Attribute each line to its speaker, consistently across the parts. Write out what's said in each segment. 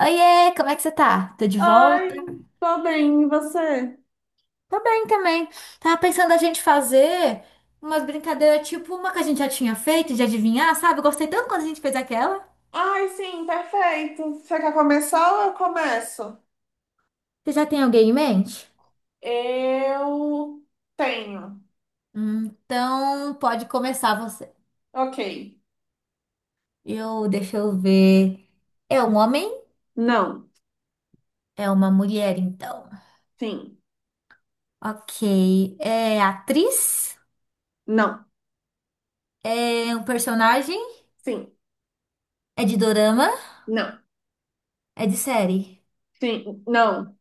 Speaker 1: Oiê, como é que você tá? Tô de volta?
Speaker 2: Ai, tô bem, e você?
Speaker 1: Tô bem também. Tava pensando a gente fazer umas brincadeiras tipo uma que a gente já tinha feito de adivinhar, sabe? Eu gostei tanto quando a gente fez aquela.
Speaker 2: Ai, sim, perfeito. Você quer começar ou eu começo?
Speaker 1: Você já tem alguém em mente?
Speaker 2: Eu tenho.
Speaker 1: Então, pode começar você.
Speaker 2: Ok.
Speaker 1: Eu, deixa eu ver. É um homem?
Speaker 2: Não,
Speaker 1: É uma mulher, então.
Speaker 2: sim,
Speaker 1: Ok. É atriz?
Speaker 2: não,
Speaker 1: É um personagem?
Speaker 2: sim,
Speaker 1: É de dorama?
Speaker 2: não,
Speaker 1: É de série?
Speaker 2: sim, não,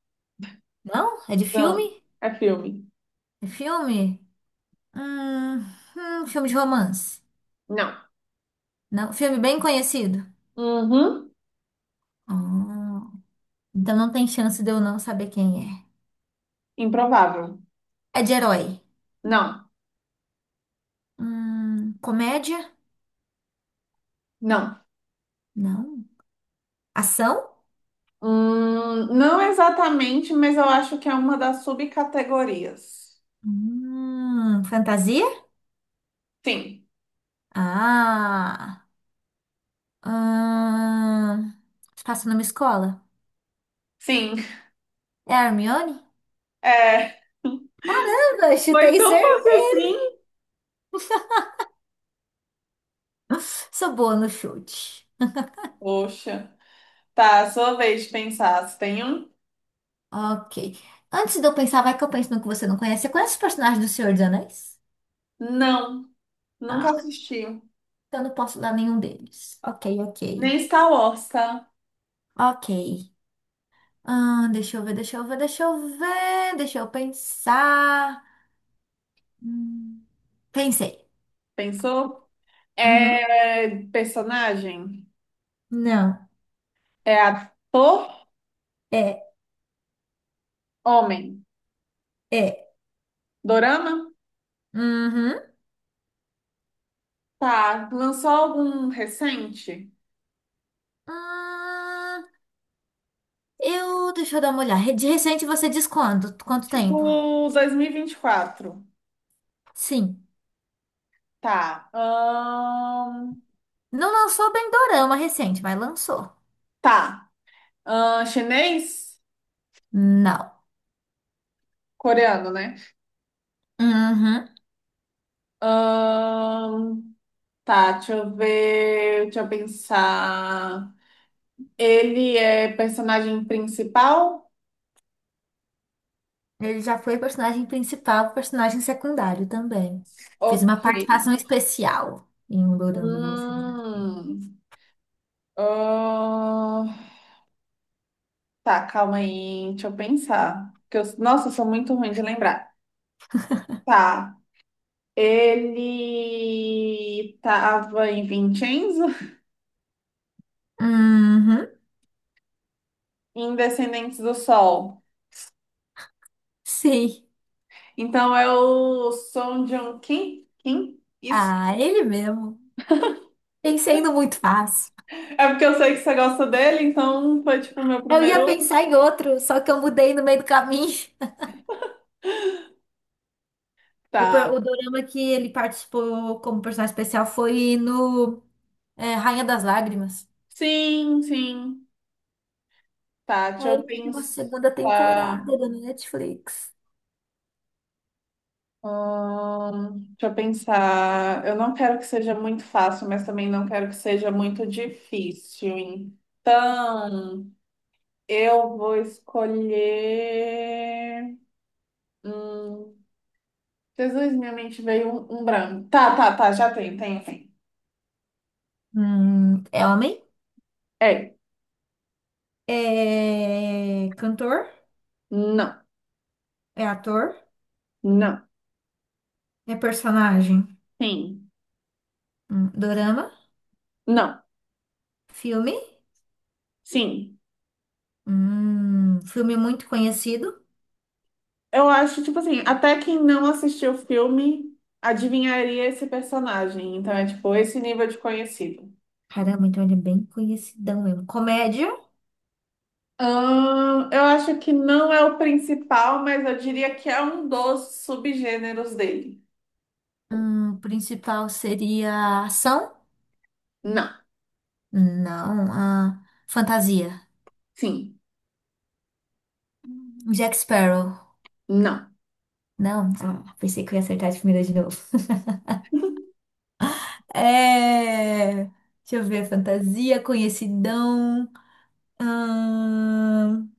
Speaker 1: Não? É de
Speaker 2: não.
Speaker 1: filme?
Speaker 2: É filme.
Speaker 1: É filme? Hum, filme de romance.
Speaker 2: Não.
Speaker 1: Não, filme bem conhecido.
Speaker 2: Uhum.
Speaker 1: Hum, então não tem chance de eu não saber quem
Speaker 2: Improvável.
Speaker 1: é. É de herói.
Speaker 2: Não,
Speaker 1: Comédia?
Speaker 2: não.
Speaker 1: Não. Ação?
Speaker 2: Não exatamente, mas eu acho que é uma das subcategorias.
Speaker 1: Fantasia?
Speaker 2: Sim,
Speaker 1: Ah. Hum, se passa numa escola?
Speaker 2: sim.
Speaker 1: É a Hermione?
Speaker 2: É.
Speaker 1: Eu
Speaker 2: Foi
Speaker 1: chutei
Speaker 2: tão fácil
Speaker 1: certeza.
Speaker 2: assim?
Speaker 1: Sou boa no chute.
Speaker 2: Poxa. Tá, sua vez de pensar. Você tem um?
Speaker 1: Ok. Antes de eu pensar, vai que eu penso no que você não conhece. Você conhece os personagens do Senhor dos Anéis?
Speaker 2: Não, nunca
Speaker 1: Não.
Speaker 2: assisti.
Speaker 1: Eu não posso dar nenhum deles. Ok, ok.
Speaker 2: Nem Star Wars, tá?
Speaker 1: Ok. Ah, deixa eu ver, deixa eu ver, deixa eu ver, deixa eu pensar. Hum, pensei.
Speaker 2: Pensou?
Speaker 1: Uhum.
Speaker 2: É personagem?
Speaker 1: Não.
Speaker 2: É ator?
Speaker 1: É,
Speaker 2: Homem?
Speaker 1: é.
Speaker 2: Dorama?
Speaker 1: Uhum.
Speaker 2: Tá, lançou algum recente?
Speaker 1: Hum, deixa eu dar uma olhada. De recente você diz quando? Quanto tempo?
Speaker 2: Tipo 2024.
Speaker 1: Sim.
Speaker 2: Tá.
Speaker 1: Não lançou bem dorama recente, mas lançou.
Speaker 2: Tá. Chinês?
Speaker 1: Não.
Speaker 2: Coreano, né?
Speaker 1: Uhum.
Speaker 2: Ahn, Tá, deixa eu ver. Deixa eu pensar. Ele é personagem principal?
Speaker 1: Ele já foi personagem principal, personagem secundário também. Fez uma
Speaker 2: Ok.
Speaker 1: participação especial em um dorama, vamos dizer.
Speaker 2: Hum. Ah, tá, calma aí, deixa eu pensar. Nossa, eu sou muito ruim de lembrar. Tá. Ele tava em Vincenzo,
Speaker 1: Uhum,
Speaker 2: em Descendentes do Sol.
Speaker 1: sim.
Speaker 2: Então é o Song Joong Kim? Kim? Isso.
Speaker 1: Ah, ele mesmo. Pensei no muito fácil.
Speaker 2: É porque eu sei que você gosta dele, então foi tipo o meu
Speaker 1: Eu ia
Speaker 2: primeiro.
Speaker 1: pensar em outro, só que eu mudei no meio do caminho.
Speaker 2: Tá.
Speaker 1: O dorama que ele participou como personagem especial foi no Rainha das Lágrimas.
Speaker 2: Sim, sim. Tá, deixa
Speaker 1: Aí
Speaker 2: eu
Speaker 1: eu uma
Speaker 2: pensar.
Speaker 1: segunda temporada da Netflix.
Speaker 2: Deixa eu pensar. Eu não quero que seja muito fácil, mas também não quero que seja muito difícil. Então, eu vou escolher. Hum, Jesus, minha mente veio um branco. Tá, tá, tá, já tem, tem, tem.
Speaker 1: É homem?
Speaker 2: É,
Speaker 1: É cantor?
Speaker 2: não,
Speaker 1: É ator?
Speaker 2: não,
Speaker 1: É personagem.
Speaker 2: sim,
Speaker 1: Dorama?
Speaker 2: não,
Speaker 1: Filme?
Speaker 2: sim.
Speaker 1: Filme muito conhecido.
Speaker 2: Eu acho, tipo assim, até quem não assistiu o filme adivinharia esse personagem. Então é tipo esse nível de conhecido.
Speaker 1: Caramba, então ele é bem conhecidão mesmo. Comédia?
Speaker 2: Eu acho que não é o principal, mas eu diria que é um dos subgêneros dele.
Speaker 1: Principal seria ação?
Speaker 2: Não,
Speaker 1: Não. Ah, fantasia.
Speaker 2: sim,
Speaker 1: Jack Sparrow.
Speaker 2: não.
Speaker 1: Não. Ah, pensei que eu ia acertar de primeira de novo. É. Deixa eu ver. Fantasia, conhecidão. Hum,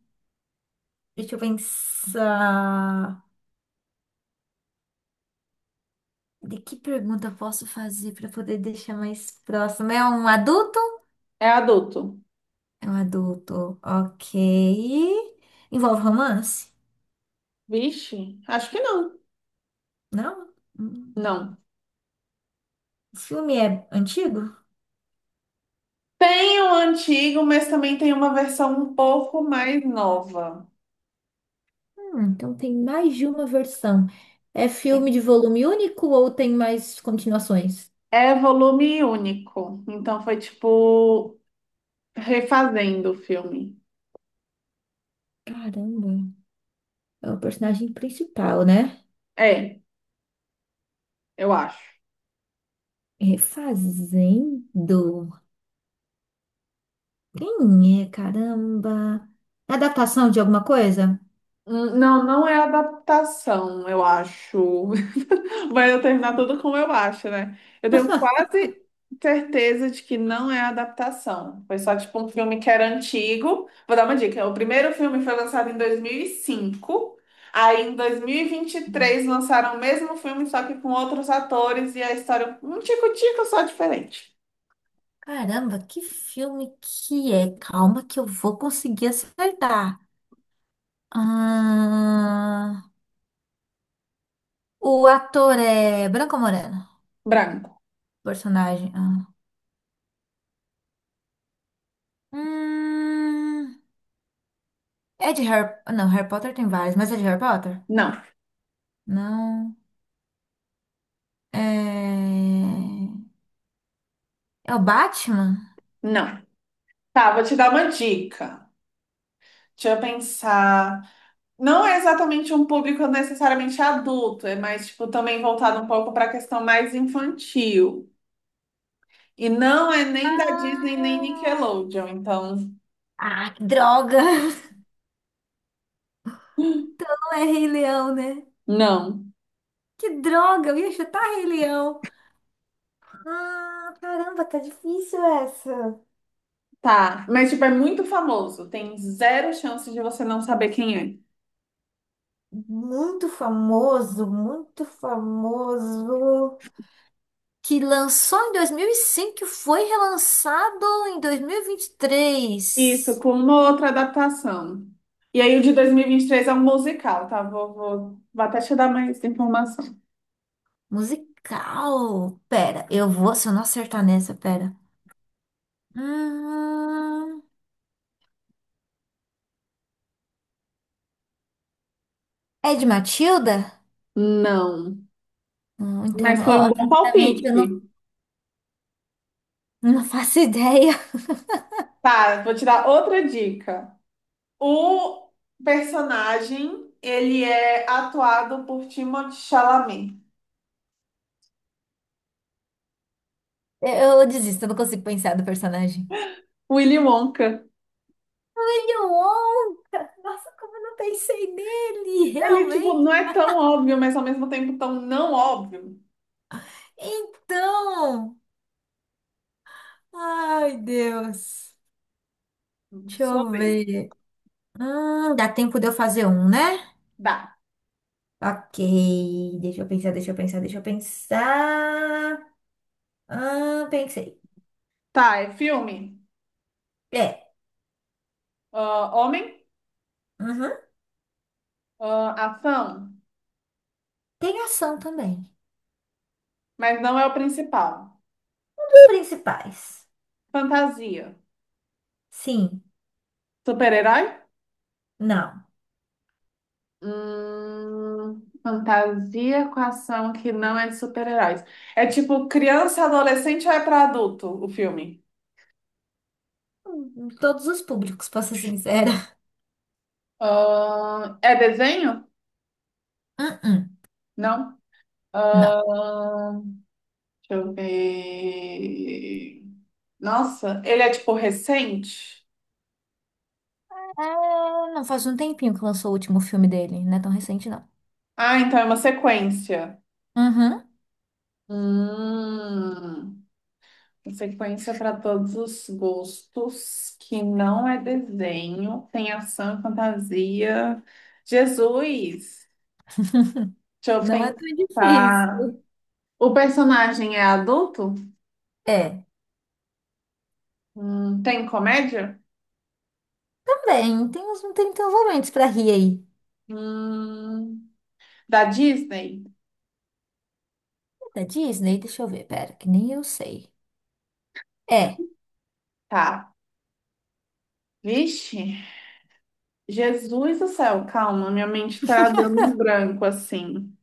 Speaker 1: deixa eu pensar. De que pergunta eu posso fazer para poder deixar mais próximo? É um adulto?
Speaker 2: É adulto.
Speaker 1: É um adulto, ok. Envolve romance?
Speaker 2: Vixe, acho que não.
Speaker 1: Não? Hum.
Speaker 2: Não.
Speaker 1: O filme é antigo?
Speaker 2: Tem o antigo, mas também tem uma versão um pouco mais nova.
Speaker 1: Então tem mais de uma versão. É filme
Speaker 2: Sim.
Speaker 1: de volume único ou tem mais continuações?
Speaker 2: É volume único. Então foi tipo refazendo o filme.
Speaker 1: Caramba, é o personagem principal, né?
Speaker 2: É, eu acho.
Speaker 1: É refazendo. Quem é? Caramba. É adaptação de alguma coisa?
Speaker 2: Não, não é adaptação, eu acho. Vai eu terminar tudo como eu acho, né? Eu tenho quase certeza de que não é adaptação. Foi só tipo um filme que era antigo. Vou dar uma dica. O primeiro filme foi lançado em 2005. Aí em dois mil e vinte e três, lançaram o mesmo filme, só que com outros atores e a história um tico-tico só diferente.
Speaker 1: Caramba, que filme que é? Calma que eu vou conseguir acertar. Ah, o ator é Branco ou Moreno,
Speaker 2: Branco.
Speaker 1: personagem. Ah. Hum, é de Harry... Não, Harry Potter tem vários, mas é de Harry Potter?
Speaker 2: Não,
Speaker 1: Não. É... É o Batman?
Speaker 2: não. Tá, vou te dar uma dica. Deixa eu pensar. Não é exatamente um público necessariamente adulto, é mais tipo também voltado um pouco para a questão mais infantil. E não é nem da Disney nem
Speaker 1: Ah,
Speaker 2: Nickelodeon, então
Speaker 1: ah, que droga! Então não é Rei Leão, né?
Speaker 2: não.
Speaker 1: Que droga, eu ia chutar Rei Leão. Ah, caramba, tá difícil essa.
Speaker 2: Tá, mas tipo é muito famoso, tem zero chance de você não saber quem é.
Speaker 1: Muito famoso, muito famoso, que lançou em 2005, e foi relançado em dois mil e vinte e
Speaker 2: Isso,
Speaker 1: três.
Speaker 2: com uma outra adaptação. E aí o de dois mil e vinte e três é um musical, tá? Vou até te dar mais informação.
Speaker 1: Musical. Pera, eu vou, se eu não acertar nessa, pera. Hum, é de Matilda?
Speaker 2: Não, mas foi
Speaker 1: Ó,
Speaker 2: um bom
Speaker 1: sinceramente, eu não,
Speaker 2: palpite.
Speaker 1: não faço ideia.
Speaker 2: Tá, vou te dar outra dica. O personagem, ele é atuado por Timothée Chalamet.
Speaker 1: Eu desisto, eu não consigo pensar do personagem.
Speaker 2: Willy Wonka.
Speaker 1: William Wong! Nossa, como eu não pensei nele,
Speaker 2: Ele, tipo,
Speaker 1: realmente.
Speaker 2: não é tão óbvio, mas ao mesmo tempo tão não óbvio.
Speaker 1: Então. Ai, Deus. Deixa eu
Speaker 2: Sobre,
Speaker 1: ver. Dá tempo de eu fazer um, né?
Speaker 2: Dá.
Speaker 1: Ok. Deixa eu pensar, deixa eu pensar, deixa eu pensar. Ah, pensei.
Speaker 2: Tá, é filme.
Speaker 1: É.
Speaker 2: Ah, homem.
Speaker 1: Uhum.
Speaker 2: Ah, ação.
Speaker 1: Tem ação também.
Speaker 2: Mas não é o principal.
Speaker 1: Os principais.
Speaker 2: Fantasia.
Speaker 1: Sim.
Speaker 2: Super-herói?
Speaker 1: Não.
Speaker 2: Fantasia com ação que não é de super-heróis. É tipo criança, adolescente ou é pra adulto o filme?
Speaker 1: Todos os públicos, pra ser sincera.
Speaker 2: É desenho?
Speaker 1: Uh-uh.
Speaker 2: Não.
Speaker 1: Não.
Speaker 2: Ahn, deixa eu ver. Nossa, ele é tipo recente?
Speaker 1: Ah, não faz um tempinho que lançou o último filme dele. Não é tão recente, não.
Speaker 2: Ah, então é uma sequência.
Speaker 1: Uhum.
Speaker 2: Hum, uma sequência para todos os gostos, que não é desenho, tem ação e fantasia. Jesus! Deixa eu
Speaker 1: Não é tão
Speaker 2: pensar.
Speaker 1: difícil.
Speaker 2: O personagem é adulto?
Speaker 1: É.
Speaker 2: Tem comédia?
Speaker 1: Também. Tem uns momentos pra rir aí.
Speaker 2: Hum, da Disney?
Speaker 1: Da Disney? Deixa eu ver, pera, que nem eu sei. É.
Speaker 2: Tá. Vixe, Jesus do céu, calma, minha mente tá dando um branco assim.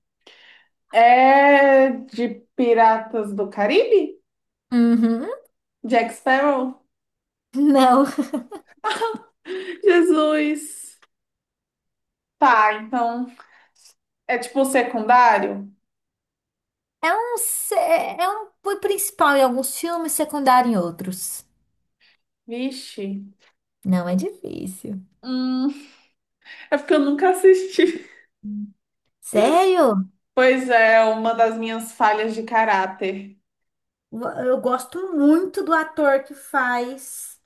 Speaker 2: É de Piratas do Caribe?
Speaker 1: Uhum.
Speaker 2: Jack Sparrow?
Speaker 1: Não.
Speaker 2: Jesus. Tá, então é tipo secundário?
Speaker 1: É um apoio principal em alguns filmes, secundário em outros.
Speaker 2: Vixe.
Speaker 1: Não é difícil.
Speaker 2: Hum, é porque eu nunca assisti.
Speaker 1: Sério?
Speaker 2: Pois é, uma das minhas falhas de caráter.
Speaker 1: Eu gosto muito do ator que faz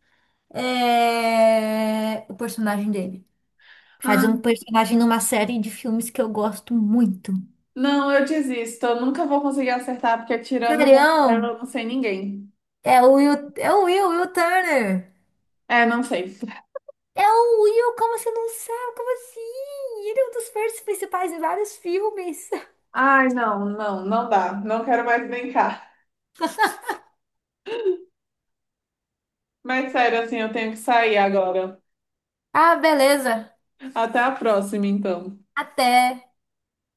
Speaker 1: o personagem dele. Faz
Speaker 2: Ah,
Speaker 1: um personagem numa série de filmes que eu gosto muito.
Speaker 2: não, eu desisto. Eu nunca vou conseguir acertar, porque tirando o Jack Sparrow, eu
Speaker 1: Sério?
Speaker 2: não sei ninguém.
Speaker 1: Will Turner.
Speaker 2: É, não sei.
Speaker 1: É o Will, como você não sabe? Como assim? Ele é um dos personagens principais em vários filmes.
Speaker 2: Ai, não, não, não dá. Não quero mais brincar. Mas sério, assim, eu tenho que sair agora.
Speaker 1: Ah, beleza.
Speaker 2: Até a próxima, então.
Speaker 1: Até.